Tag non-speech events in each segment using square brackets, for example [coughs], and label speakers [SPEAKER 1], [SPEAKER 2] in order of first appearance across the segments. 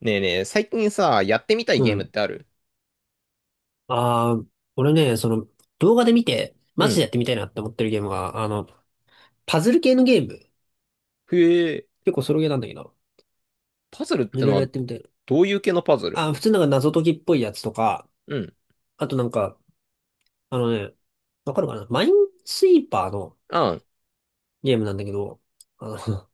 [SPEAKER 1] ねえねえ、最近さ、やってみたい
[SPEAKER 2] う
[SPEAKER 1] ゲームっ
[SPEAKER 2] ん。
[SPEAKER 1] てある？
[SPEAKER 2] ああ、俺ね、動画で見て、
[SPEAKER 1] う
[SPEAKER 2] マジでや
[SPEAKER 1] ん。
[SPEAKER 2] ってみたいなって思ってるゲームが、パズル系のゲーム。
[SPEAKER 1] へえ、
[SPEAKER 2] 結構ソロゲーなんだけど、
[SPEAKER 1] パズルっ
[SPEAKER 2] い
[SPEAKER 1] て
[SPEAKER 2] ろ
[SPEAKER 1] の
[SPEAKER 2] いろやっ
[SPEAKER 1] は、
[SPEAKER 2] てみたいな。
[SPEAKER 1] どういう系のパズル？
[SPEAKER 2] 普通なんか謎解きっぽいやつとか、
[SPEAKER 1] うん。
[SPEAKER 2] あとなんか、あのね、わかるかな、マインスイーパーの
[SPEAKER 1] あん。
[SPEAKER 2] ゲームなんだけど、あの、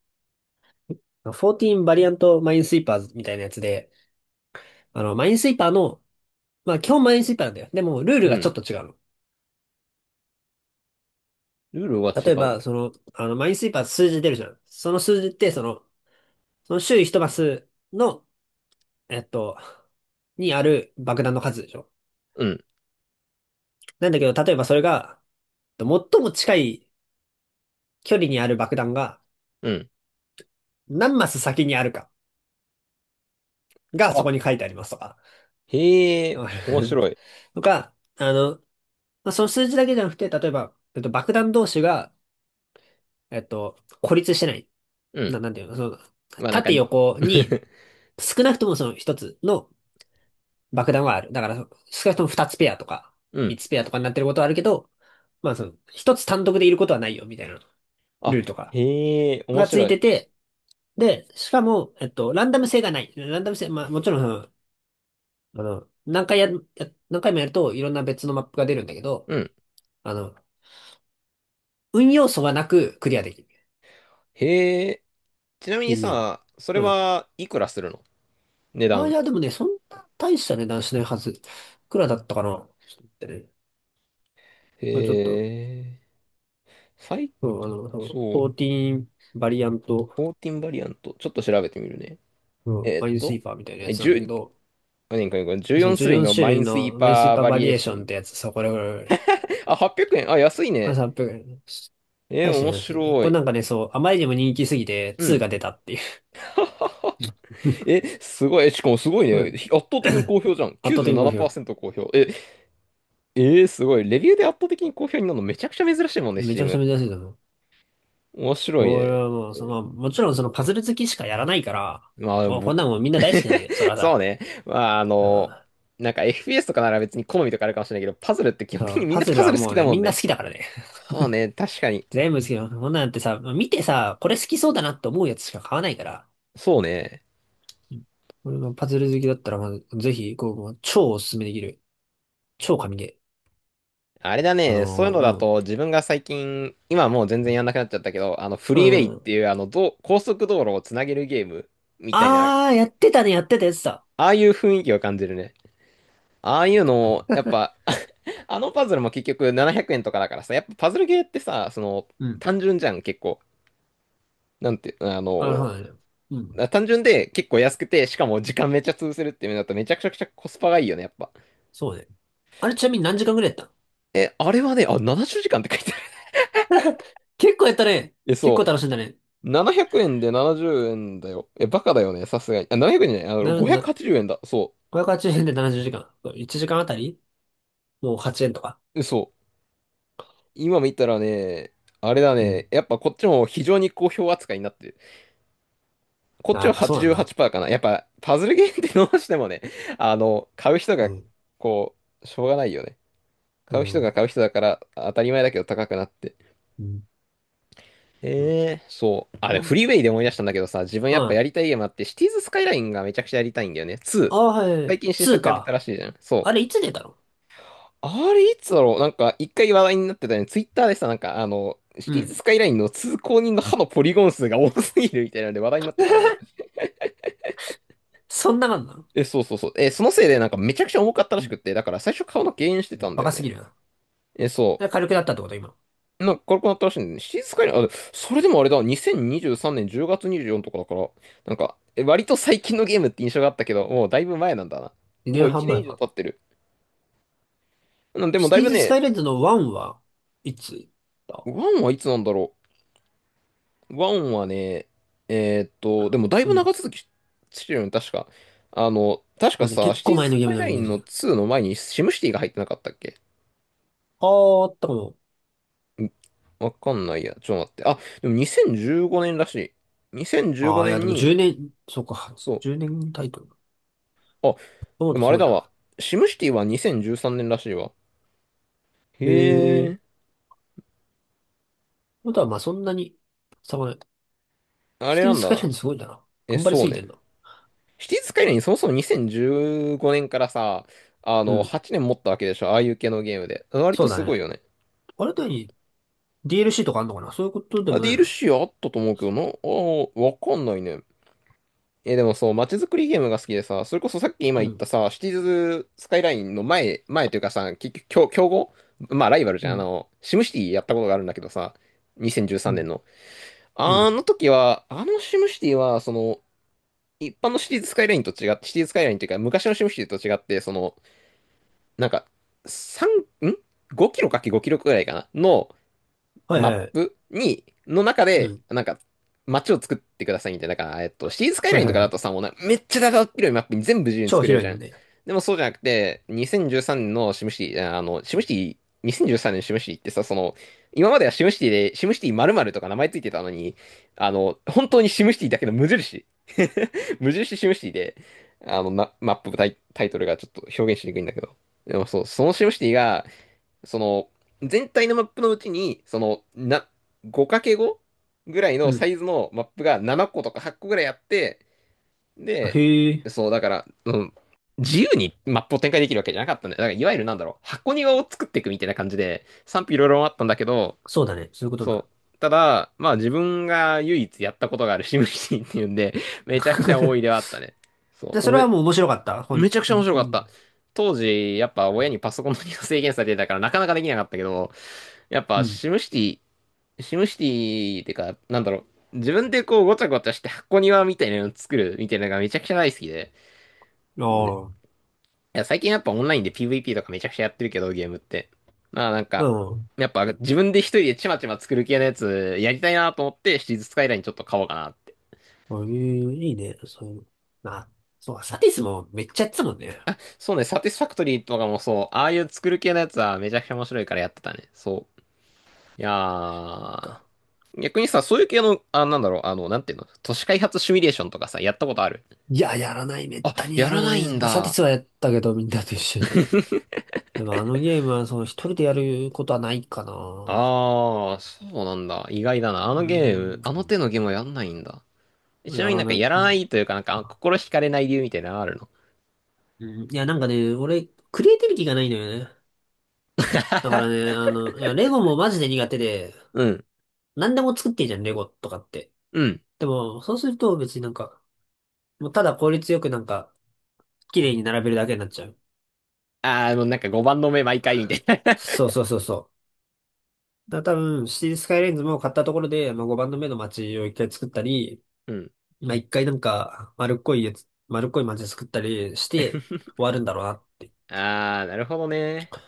[SPEAKER 2] [laughs] 14バリアントマインスイーパーズみたいなやつで、マインスイーパーの、まあ基本マインスイーパーなんだよ。でも、ルール
[SPEAKER 1] う
[SPEAKER 2] がちょっ
[SPEAKER 1] ん。
[SPEAKER 2] と違うの。
[SPEAKER 1] ルールは違
[SPEAKER 2] 例え
[SPEAKER 1] う。
[SPEAKER 2] ば、マインスイーパー数字出るじゃん。その数字って、その周囲一マスのえっと、にある爆弾の数でしょ。
[SPEAKER 1] うん。
[SPEAKER 2] なんだけど、例えばそれが、最も近い距離にある爆弾が
[SPEAKER 1] うん。
[SPEAKER 2] 何マス先にあるかがそ
[SPEAKER 1] あ、
[SPEAKER 2] こに書いてありますとか。
[SPEAKER 1] へ
[SPEAKER 2] [laughs]
[SPEAKER 1] え、
[SPEAKER 2] わか
[SPEAKER 1] 面
[SPEAKER 2] る
[SPEAKER 1] 白い。
[SPEAKER 2] [laughs] とか、まあ、その数字だけじゃなくて、例えば、爆弾同士が、えっと、孤立してない。
[SPEAKER 1] うん。
[SPEAKER 2] なんていうの、
[SPEAKER 1] まあなんか
[SPEAKER 2] 縦
[SPEAKER 1] [laughs]
[SPEAKER 2] 横に少なくともその一つの爆弾はある。だから、少なくとも二つペアとか、
[SPEAKER 1] う
[SPEAKER 2] 三
[SPEAKER 1] ん。
[SPEAKER 2] つペアとかになってることはあるけど、まあその、一つ単独でいることはないよ、みたいな。
[SPEAKER 1] あ、
[SPEAKER 2] ルートが、
[SPEAKER 1] へえ、面
[SPEAKER 2] つい
[SPEAKER 1] 白
[SPEAKER 2] て
[SPEAKER 1] い。
[SPEAKER 2] て、で、しかも、ランダム性がない。ランダム性、まあ、もちろん、あの、何回や、何回もやると、いろんな別のマップが出るんだけど、
[SPEAKER 1] うん。
[SPEAKER 2] あの、運要素がなくクリアできるっ
[SPEAKER 1] へえ、ちなみ
[SPEAKER 2] てい
[SPEAKER 1] に
[SPEAKER 2] うゲーム。
[SPEAKER 1] さ、それ
[SPEAKER 2] うん。
[SPEAKER 1] はいくらするの？値
[SPEAKER 2] あ、い
[SPEAKER 1] 段。
[SPEAKER 2] や、でもね、そんな大した値段しないはず。いくらだったかな、ちょっと待ってね。まあ、ちょっと、
[SPEAKER 1] へえ、最、
[SPEAKER 2] うん、そう、
[SPEAKER 1] そう、
[SPEAKER 2] 14バリアント、
[SPEAKER 1] 14バリアント。ちょっと調べてみるね。
[SPEAKER 2] うん、
[SPEAKER 1] え
[SPEAKER 2] マ
[SPEAKER 1] ー
[SPEAKER 2] イ
[SPEAKER 1] っ
[SPEAKER 2] ンスイ
[SPEAKER 1] と、
[SPEAKER 2] ーパーみたいなやつなんだけ
[SPEAKER 1] 1
[SPEAKER 2] ど、
[SPEAKER 1] 何これ、これ
[SPEAKER 2] その
[SPEAKER 1] 14種類のマ
[SPEAKER 2] 14
[SPEAKER 1] イ
[SPEAKER 2] 種類
[SPEAKER 1] ンスイ
[SPEAKER 2] の
[SPEAKER 1] ー
[SPEAKER 2] マインスイー
[SPEAKER 1] パー
[SPEAKER 2] パー
[SPEAKER 1] バ
[SPEAKER 2] バ
[SPEAKER 1] リ
[SPEAKER 2] リ
[SPEAKER 1] エー
[SPEAKER 2] エー
[SPEAKER 1] シ
[SPEAKER 2] シ
[SPEAKER 1] ョ
[SPEAKER 2] ョン
[SPEAKER 1] ン。
[SPEAKER 2] ってやつさ、
[SPEAKER 1] あ、800円。あ、安い
[SPEAKER 2] これ
[SPEAKER 1] ね。
[SPEAKER 2] さ、確か
[SPEAKER 1] 面
[SPEAKER 2] に確かに。
[SPEAKER 1] 白
[SPEAKER 2] これ
[SPEAKER 1] い。
[SPEAKER 2] なんかね、そう、あまりにも人気すぎて
[SPEAKER 1] う
[SPEAKER 2] 2
[SPEAKER 1] ん。
[SPEAKER 2] が出たっていう。
[SPEAKER 1] [laughs] え、
[SPEAKER 2] [laughs]
[SPEAKER 1] すごい。しかもすごい
[SPEAKER 2] う
[SPEAKER 1] ね。
[SPEAKER 2] ん。
[SPEAKER 1] 圧倒
[SPEAKER 2] [clears throat] [coughs]
[SPEAKER 1] 的に
[SPEAKER 2] 圧
[SPEAKER 1] 好評じゃん。
[SPEAKER 2] 倒的に好評。
[SPEAKER 1] 97%好評。え、すごい。レビューで圧倒的に好評になるのめちゃくちゃ珍しいもんね、s
[SPEAKER 2] め
[SPEAKER 1] t
[SPEAKER 2] ち
[SPEAKER 1] e
[SPEAKER 2] ゃくちゃ
[SPEAKER 1] m。
[SPEAKER 2] 珍しいと思う。
[SPEAKER 1] 面白い
[SPEAKER 2] これ
[SPEAKER 1] ね。
[SPEAKER 2] はもう、その、もちろんそのパズル好きしかやらないから、
[SPEAKER 1] まあ、
[SPEAKER 2] もうこんな
[SPEAKER 1] 僕、
[SPEAKER 2] のもうみんな大好きなんだけど、それ
[SPEAKER 1] [laughs]
[SPEAKER 2] は
[SPEAKER 1] そう
[SPEAKER 2] さ、
[SPEAKER 1] ね。まあ、なんか FPS とかなら別に好みとかあるかもしれないけど、パズルって基
[SPEAKER 2] う
[SPEAKER 1] 本的
[SPEAKER 2] ん、
[SPEAKER 1] にみん
[SPEAKER 2] パ
[SPEAKER 1] な
[SPEAKER 2] ズ
[SPEAKER 1] パ
[SPEAKER 2] ル
[SPEAKER 1] ズ
[SPEAKER 2] は
[SPEAKER 1] ル好
[SPEAKER 2] も
[SPEAKER 1] き
[SPEAKER 2] う
[SPEAKER 1] だ
[SPEAKER 2] ね、
[SPEAKER 1] も
[SPEAKER 2] み
[SPEAKER 1] ん
[SPEAKER 2] んな
[SPEAKER 1] ね。
[SPEAKER 2] 好きだからね。
[SPEAKER 1] そうね、確かに。
[SPEAKER 2] [laughs] 全部好きなの。こんなんってさ、見てさ、これ好きそうだなって思うやつしか買わないから。
[SPEAKER 1] そうね。
[SPEAKER 2] うん。これがパズル好きだったら、まず、ぜひ、こう、もう超おすすめできる。超神ゲ
[SPEAKER 1] あれだ
[SPEAKER 2] ー。
[SPEAKER 1] ね、そういうのだと自分が最近、今はもう全然やんなくなっちゃったけど、あのフ
[SPEAKER 2] う
[SPEAKER 1] リーウェイっ
[SPEAKER 2] ん。う
[SPEAKER 1] て
[SPEAKER 2] ん。
[SPEAKER 1] いうあのどう高速道路をつなげるゲームみたいな、
[SPEAKER 2] やってたね、やってたやつだ。
[SPEAKER 1] ああいう雰囲気を感じるね。ああいうのを、やっぱ [laughs] あのパズルも結局700円とかだからさ、やっぱパズルゲーってさ、その
[SPEAKER 2] うん。
[SPEAKER 1] 単純じゃん、結構。なんて、
[SPEAKER 2] あ、そうだね。うん。
[SPEAKER 1] 単純で結構安くて、しかも時間めっちゃ潰せるっていうのだとめちゃくちゃくちゃコスパがいいよね、やっぱ。
[SPEAKER 2] そうね。あれ、ちなみに何時間ぐらいやっ
[SPEAKER 1] え、あれはね、あ、70時間って書いてある。
[SPEAKER 2] たの？ [laughs] 結構やったね。
[SPEAKER 1] え、
[SPEAKER 2] 結
[SPEAKER 1] そ
[SPEAKER 2] 構楽しんだね。
[SPEAKER 1] う。700円で70円だよ。え、バカだよね、さすがに。あ、700円じゃない、
[SPEAKER 2] な、な、
[SPEAKER 1] 580円だ。そ
[SPEAKER 2] 580円で70時間。1時間あたりもう8円とか。
[SPEAKER 1] う。えそう。今見たらね、あれだ
[SPEAKER 2] うん。
[SPEAKER 1] ね、やっぱこっちも非常に好評扱いになってる。こっ
[SPEAKER 2] あ、
[SPEAKER 1] ち
[SPEAKER 2] や
[SPEAKER 1] は
[SPEAKER 2] っぱそうなんだ。
[SPEAKER 1] 88%かな。やっぱパズルゲームってどうしてもね、買う人
[SPEAKER 2] う
[SPEAKER 1] が、
[SPEAKER 2] ん。
[SPEAKER 1] こしょうがないよね。
[SPEAKER 2] う
[SPEAKER 1] 買う人
[SPEAKER 2] ん。
[SPEAKER 1] が買う人だから当たり前だけど高くなって。
[SPEAKER 2] うん。うん。
[SPEAKER 1] ええ、そう。あ、
[SPEAKER 2] う
[SPEAKER 1] フ
[SPEAKER 2] ん。
[SPEAKER 1] リーウェイで思い出したんだけどさ、自分やっぱや
[SPEAKER 2] あ
[SPEAKER 1] りたいゲームあって、シティーズスカイラインがめちゃくちゃやりたいんだよね。
[SPEAKER 2] あ、
[SPEAKER 1] 2。
[SPEAKER 2] は
[SPEAKER 1] 最
[SPEAKER 2] い。
[SPEAKER 1] 近新
[SPEAKER 2] 2
[SPEAKER 1] 作が出たら
[SPEAKER 2] か。
[SPEAKER 1] しいじゃん。そ
[SPEAKER 2] あれ、い
[SPEAKER 1] う。
[SPEAKER 2] つ出たの？
[SPEAKER 1] あれ、いつだろう。なんか、一回話題になってたよね。ツイッターでさ、なんか、シ
[SPEAKER 2] う
[SPEAKER 1] ティー
[SPEAKER 2] ん。
[SPEAKER 1] ズスカイラインの通行人の歯のポリゴン数が多すぎるみたいなので話題になってたんだよ。
[SPEAKER 2] [laughs] そんな感じなの？
[SPEAKER 1] え、そうそうそう。え、そのせいで、なんか、めちゃくちゃ重かったら
[SPEAKER 2] う
[SPEAKER 1] し
[SPEAKER 2] ん。
[SPEAKER 1] くって、だから、最初顔の減塩してたんだ
[SPEAKER 2] バ
[SPEAKER 1] よ
[SPEAKER 2] カす
[SPEAKER 1] ね。
[SPEAKER 2] ぎるな。
[SPEAKER 1] え、そ
[SPEAKER 2] で、軽くなったってこと今？
[SPEAKER 1] う。なんか、軽くなったらしいんだよね。シティーズスカイライン、あ、それでもあれだ、2023年10月24とかだから、なんか、割と最近のゲームって印象があったけど、もうだいぶ前なんだな。
[SPEAKER 2] 2
[SPEAKER 1] もう
[SPEAKER 2] 年
[SPEAKER 1] 1
[SPEAKER 2] 半
[SPEAKER 1] 年
[SPEAKER 2] 前
[SPEAKER 1] 以上
[SPEAKER 2] か。
[SPEAKER 1] 経ってる。うん、でも、
[SPEAKER 2] シ
[SPEAKER 1] だ
[SPEAKER 2] テ
[SPEAKER 1] い
[SPEAKER 2] ィー
[SPEAKER 1] ぶ
[SPEAKER 2] ズスカ
[SPEAKER 1] ね、
[SPEAKER 2] イレンズの1は、いつだ？
[SPEAKER 1] ワンはいつなんだろう。ワンはね、でもだい
[SPEAKER 2] う
[SPEAKER 1] ぶ長
[SPEAKER 2] ん。
[SPEAKER 1] 続きしてるよね、確か。確
[SPEAKER 2] ま
[SPEAKER 1] か
[SPEAKER 2] あね、
[SPEAKER 1] さ、
[SPEAKER 2] 結
[SPEAKER 1] シティ
[SPEAKER 2] 構
[SPEAKER 1] ーズ・
[SPEAKER 2] 前
[SPEAKER 1] ス
[SPEAKER 2] のゲー
[SPEAKER 1] カ
[SPEAKER 2] ム
[SPEAKER 1] イ
[SPEAKER 2] の
[SPEAKER 1] ラ
[SPEAKER 2] イ
[SPEAKER 1] イ
[SPEAKER 2] メー
[SPEAKER 1] ンの
[SPEAKER 2] ジ。
[SPEAKER 1] 2の前にシムシティが入ってなかったっけ？
[SPEAKER 2] ああ、あったかも。
[SPEAKER 1] んわかんないや。ちょっと待って。あ、でも2015年らしい。2015
[SPEAKER 2] ああ、いや、
[SPEAKER 1] 年
[SPEAKER 2] でも
[SPEAKER 1] に、
[SPEAKER 2] 10年、そうか、
[SPEAKER 1] そう。
[SPEAKER 2] 10年タイトル。
[SPEAKER 1] あ、
[SPEAKER 2] そう
[SPEAKER 1] で
[SPEAKER 2] だ、
[SPEAKER 1] も
[SPEAKER 2] す
[SPEAKER 1] あれ
[SPEAKER 2] ごい
[SPEAKER 1] だわ。
[SPEAKER 2] な。
[SPEAKER 1] シムシティは2013年らしいわ。へ
[SPEAKER 2] へえ。あ
[SPEAKER 1] え、
[SPEAKER 2] とは、まあ、そんなに、さまない。
[SPEAKER 1] あ
[SPEAKER 2] シ
[SPEAKER 1] れ
[SPEAKER 2] テ
[SPEAKER 1] な
[SPEAKER 2] ィ
[SPEAKER 1] ん
[SPEAKER 2] ス
[SPEAKER 1] だ
[SPEAKER 2] カイ
[SPEAKER 1] な。
[SPEAKER 2] ラインすごいんだな。
[SPEAKER 1] え、
[SPEAKER 2] 頑張りす
[SPEAKER 1] そう
[SPEAKER 2] ぎて
[SPEAKER 1] ね。
[SPEAKER 2] んだ。
[SPEAKER 1] シティーズ・スカイラインそもそも2015年からさ、
[SPEAKER 2] うん。
[SPEAKER 1] 8年持ったわけでしょ。ああいう系のゲームで。割
[SPEAKER 2] そ
[SPEAKER 1] と
[SPEAKER 2] うだ
[SPEAKER 1] すご
[SPEAKER 2] ね。
[SPEAKER 1] いよね。
[SPEAKER 2] あれだに、 DLC とかあんのかな。そういうことで
[SPEAKER 1] あ、
[SPEAKER 2] も
[SPEAKER 1] デ
[SPEAKER 2] な
[SPEAKER 1] ィ
[SPEAKER 2] い
[SPEAKER 1] ール l
[SPEAKER 2] な。
[SPEAKER 1] c あったと思うけどな。ああ、わかんないね。え、でもそう、街づくりゲームが好きでさ、それこそさっき今
[SPEAKER 2] う
[SPEAKER 1] 言っ
[SPEAKER 2] ん。
[SPEAKER 1] たさ、シティーズスカイラインの前、前というかさ、結局、競合まあ、ライバルじ
[SPEAKER 2] う
[SPEAKER 1] ゃん。
[SPEAKER 2] ん。
[SPEAKER 1] シムシティやったことがあるんだけどさ、2013
[SPEAKER 2] う
[SPEAKER 1] 年
[SPEAKER 2] ん。
[SPEAKER 1] の。
[SPEAKER 2] う
[SPEAKER 1] あ
[SPEAKER 2] ん。
[SPEAKER 1] の時は、あのシムシティは、一般のシティーズスカイラインと違って、シティーズスカイラインというか、昔のシムシティと違って、なんか、3、ん ?5 キロかけ5キロくらいかなの
[SPEAKER 2] はい
[SPEAKER 1] マ
[SPEAKER 2] は
[SPEAKER 1] ッ
[SPEAKER 2] いはい。
[SPEAKER 1] プに、の中
[SPEAKER 2] う
[SPEAKER 1] で、
[SPEAKER 2] ん。
[SPEAKER 1] なんか、街を作ってくださいみたいな。だから、シティーズスカイ
[SPEAKER 2] は
[SPEAKER 1] ラ
[SPEAKER 2] い
[SPEAKER 1] インと
[SPEAKER 2] はい
[SPEAKER 1] か
[SPEAKER 2] は
[SPEAKER 1] だ
[SPEAKER 2] い。
[SPEAKER 1] とさ、もうな、めっちゃ長っ広いマップに全部自由に
[SPEAKER 2] 超
[SPEAKER 1] 作れるじ
[SPEAKER 2] 広い
[SPEAKER 1] ゃ
[SPEAKER 2] の
[SPEAKER 1] ん。
[SPEAKER 2] ね。
[SPEAKER 1] でもそうじゃなくて、2013年のシムシティ、シムシティ、2013年シムシティってさ、今まではシムシティで、シムシティ〇〇とか名前ついてたのに、本当にシムシティだけの無印。[laughs] 無印シムシティで、あの、まマップタイ、タイトルがちょっと表現しにくいんだけど。でもそう、そのシムシティが、その、全体のマップのうちに、5×5 ぐらい
[SPEAKER 2] う
[SPEAKER 1] のサ
[SPEAKER 2] ん。
[SPEAKER 1] イズのマップが7個とか8個ぐらいあって、
[SPEAKER 2] あ
[SPEAKER 1] で、
[SPEAKER 2] へえ。
[SPEAKER 1] そう、だから、うん、自由にマップを展開できるわけじゃなかったんで、だからいわゆるなんだろう、箱庭を作っていくみたいな感じで、賛否いろいろあったんだけど、
[SPEAKER 2] そうだね。そういうことにな
[SPEAKER 1] そ
[SPEAKER 2] る。
[SPEAKER 1] う、ただ、まあ自分が唯一やったことがあるシムシティっていうんで、めちゃくちゃ多いではあ
[SPEAKER 2] [laughs]
[SPEAKER 1] ったね。そ
[SPEAKER 2] で、
[SPEAKER 1] う、
[SPEAKER 2] それはもう面白かった。ほ
[SPEAKER 1] め
[SPEAKER 2] ん、
[SPEAKER 1] ちゃくち
[SPEAKER 2] う
[SPEAKER 1] ゃ面白かった。
[SPEAKER 2] ん。
[SPEAKER 1] 当時、やっぱ親にパソコンの利用制限されてたからなかなかできなかったけど、やっ
[SPEAKER 2] う
[SPEAKER 1] ぱ
[SPEAKER 2] ん。
[SPEAKER 1] シムシティってか、なんだろう、自分でこうごちゃごちゃして箱庭みたいなの作るみたいなのがめちゃくちゃ大好きで、
[SPEAKER 2] ああ。
[SPEAKER 1] いや、最近やっぱオンラインで PVP とかめちゃくちゃやってるけど、ゲームって。まあなん
[SPEAKER 2] う
[SPEAKER 1] か、
[SPEAKER 2] ん。
[SPEAKER 1] やっぱ自分で一人でちまちま作る系のやつやりたいなと思ってシティーズスカイラインちょっと買おうかなって。
[SPEAKER 2] そういう、いいね。そういうの。まあ、そう、サティスもめっちゃやってたもんね。
[SPEAKER 1] そうね、サティスファクトリーとかもそう、ああいう作る系のやつはめちゃくちゃ面白いからやってたね。そう。いや
[SPEAKER 2] そっ
[SPEAKER 1] ー、
[SPEAKER 2] か。
[SPEAKER 1] 逆にさ、そういう系の、あ、なんだろう、なんていうの、都市開発シミュレーションとかさ、やったことある？
[SPEAKER 2] いや、やらない。めっ
[SPEAKER 1] あ、
[SPEAKER 2] たに
[SPEAKER 1] や
[SPEAKER 2] やら
[SPEAKER 1] ら
[SPEAKER 2] な
[SPEAKER 1] ない
[SPEAKER 2] い。
[SPEAKER 1] ん
[SPEAKER 2] まあ、サティ
[SPEAKER 1] だ。
[SPEAKER 2] スはやったけど、みんなと一緒に。でもあのゲームは、その一人でやることはないかな。
[SPEAKER 1] あー、そうなんだ。意外だな。あ
[SPEAKER 2] う
[SPEAKER 1] のゲーム、
[SPEAKER 2] ー
[SPEAKER 1] あの手
[SPEAKER 2] ん。
[SPEAKER 1] のゲームはやんないんだ。ちな
[SPEAKER 2] や
[SPEAKER 1] みにな
[SPEAKER 2] ら
[SPEAKER 1] んか
[SPEAKER 2] な
[SPEAKER 1] や
[SPEAKER 2] い。
[SPEAKER 1] ら
[SPEAKER 2] う
[SPEAKER 1] な
[SPEAKER 2] ん
[SPEAKER 1] いというか、なんか心惹かれない理由みたいなのあるの？
[SPEAKER 2] うん。いや、なんかね、俺、クリエイティビティがないのよね。だからね、
[SPEAKER 1] [laughs]
[SPEAKER 2] いや、レゴもマジで苦手で、
[SPEAKER 1] うん。
[SPEAKER 2] 何でも作ってんじゃん、レゴとかって。
[SPEAKER 1] うん。
[SPEAKER 2] でも、そうすると別になんか、もうただ効率よくなんか、綺麗に並べるだけになっちゃう。
[SPEAKER 1] あー、もうなんか5番の目毎回みたいな
[SPEAKER 2] そうそうそうそう。だから多分、シティスカイレンズも買ったところで、まあ、5番の目の街を一回作ったり、
[SPEAKER 1] [laughs] うん。
[SPEAKER 2] まあ、一回なんか丸っこいやつ、丸っこい街作ったりして
[SPEAKER 1] [laughs]
[SPEAKER 2] 終わるんだろうなって。
[SPEAKER 1] あー、なるほどね。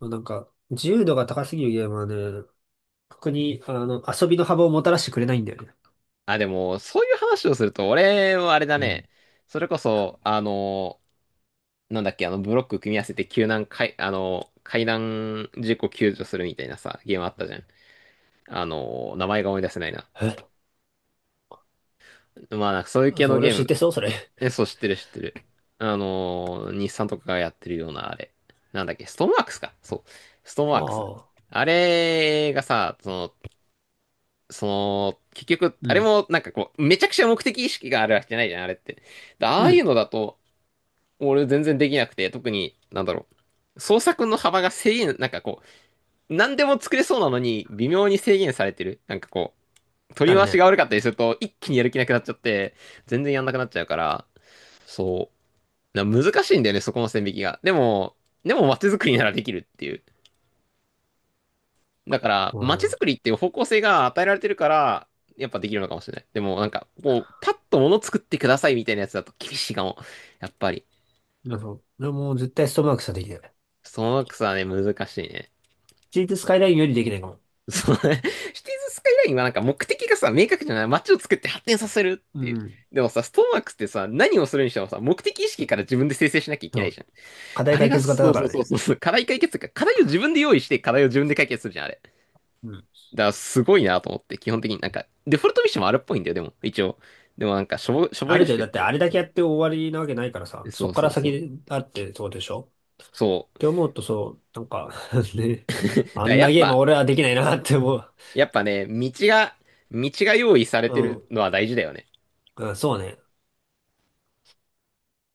[SPEAKER 2] まあ、なんか、自由度が高すぎるゲームはね、特に、遊びの幅をもたらしてくれないんだよね。
[SPEAKER 1] あ、でも、そういう話をすると、俺はあれだ
[SPEAKER 2] うん。
[SPEAKER 1] ね。それこそ、なんだっけ、ブロック組み合わせて救難、かい、あの、海難事故救助するみたいなさ、ゲームあったじゃん。名前が思い出せないな。
[SPEAKER 2] え、
[SPEAKER 1] まあ、なんかそういう系の
[SPEAKER 2] それを
[SPEAKER 1] ゲー
[SPEAKER 2] 知っ
[SPEAKER 1] ム。
[SPEAKER 2] てそう、それ。
[SPEAKER 1] そう、知ってる、知ってる。日産とかがやってるような、あれ。なんだっけ、ストーンワークスか。そう。ストーン
[SPEAKER 2] あ
[SPEAKER 1] ワークス。
[SPEAKER 2] あ。
[SPEAKER 1] あれがさ、結局、
[SPEAKER 2] う
[SPEAKER 1] あれ
[SPEAKER 2] ん。
[SPEAKER 1] もなんかこう、めちゃくちゃ目的意識があるわけじゃないじゃん、あれって。であ
[SPEAKER 2] う
[SPEAKER 1] あいう
[SPEAKER 2] ん。
[SPEAKER 1] のだと、俺全然できなくて、特に、なんだろう。創作の幅が制限、なんかこう、何でも作れそうなのに微妙に制限されてる。なんかこう、取
[SPEAKER 2] あ
[SPEAKER 1] り
[SPEAKER 2] る
[SPEAKER 1] 回し
[SPEAKER 2] ね。
[SPEAKER 1] が悪かったりすると一気にやる気なくなっちゃって、全然やんなくなっちゃうから、そう。なんか難しいんだよね、そこの線引きが。でも街づくりならできるっていう。だから、
[SPEAKER 2] も
[SPEAKER 1] 街づ
[SPEAKER 2] う
[SPEAKER 1] くりっていう方向性が与えられてるから、やっぱできるのかもしれない。でもなんか、こう、パッと物作ってくださいみたいなやつだと厳しいかも。やっぱり。
[SPEAKER 2] ね、なんか、俺もう絶対ストマークしかできない。
[SPEAKER 1] そのくさね、難しいね。
[SPEAKER 2] シティスカイラインよりできないかも。
[SPEAKER 1] そのね、[laughs] シティーズスカイラインはなんか目的がさ、明確じゃない。街を作って発展させるっ
[SPEAKER 2] う
[SPEAKER 1] ていう。
[SPEAKER 2] ん。
[SPEAKER 1] でもさ、ストーンワークスってさ、何をするにしてもさ、目的意識から自分で生成しなきゃいけな
[SPEAKER 2] そ
[SPEAKER 1] い
[SPEAKER 2] う。
[SPEAKER 1] じゃん。
[SPEAKER 2] 課
[SPEAKER 1] あ
[SPEAKER 2] 題
[SPEAKER 1] れ
[SPEAKER 2] 解
[SPEAKER 1] が、
[SPEAKER 2] 決型
[SPEAKER 1] そ
[SPEAKER 2] だ
[SPEAKER 1] う
[SPEAKER 2] か
[SPEAKER 1] そう
[SPEAKER 2] ら
[SPEAKER 1] そう
[SPEAKER 2] ね。
[SPEAKER 1] そうそう、課題解決というか、課題を自分で用意して、課題を自分で解決するじゃん、あれ。だか
[SPEAKER 2] うん。
[SPEAKER 1] らすごいなと思って、基本的になんか、デフォルトミッションもあるっぽいんだよ、でも、一応。でもなんか、しょぼ、しょぼ
[SPEAKER 2] あ
[SPEAKER 1] いら
[SPEAKER 2] るけ
[SPEAKER 1] し
[SPEAKER 2] ど、
[SPEAKER 1] くっ
[SPEAKER 2] だって
[SPEAKER 1] て。
[SPEAKER 2] あれだけやって終わりなわけないからさ、そ
[SPEAKER 1] そ
[SPEAKER 2] っ
[SPEAKER 1] う
[SPEAKER 2] か
[SPEAKER 1] そ
[SPEAKER 2] ら
[SPEAKER 1] うそう。
[SPEAKER 2] 先あってそうでしょ？
[SPEAKER 1] そ
[SPEAKER 2] っ
[SPEAKER 1] う。
[SPEAKER 2] て思うとそう、なんか [laughs] ね、
[SPEAKER 1] だか
[SPEAKER 2] あ
[SPEAKER 1] ら
[SPEAKER 2] ん
[SPEAKER 1] や
[SPEAKER 2] な
[SPEAKER 1] っ
[SPEAKER 2] ゲームは
[SPEAKER 1] ぱ、
[SPEAKER 2] 俺はできないなって思う。
[SPEAKER 1] やっぱね、道が用意され
[SPEAKER 2] う
[SPEAKER 1] てる
[SPEAKER 2] ん。
[SPEAKER 1] のは大事だよね。
[SPEAKER 2] うん、そうね。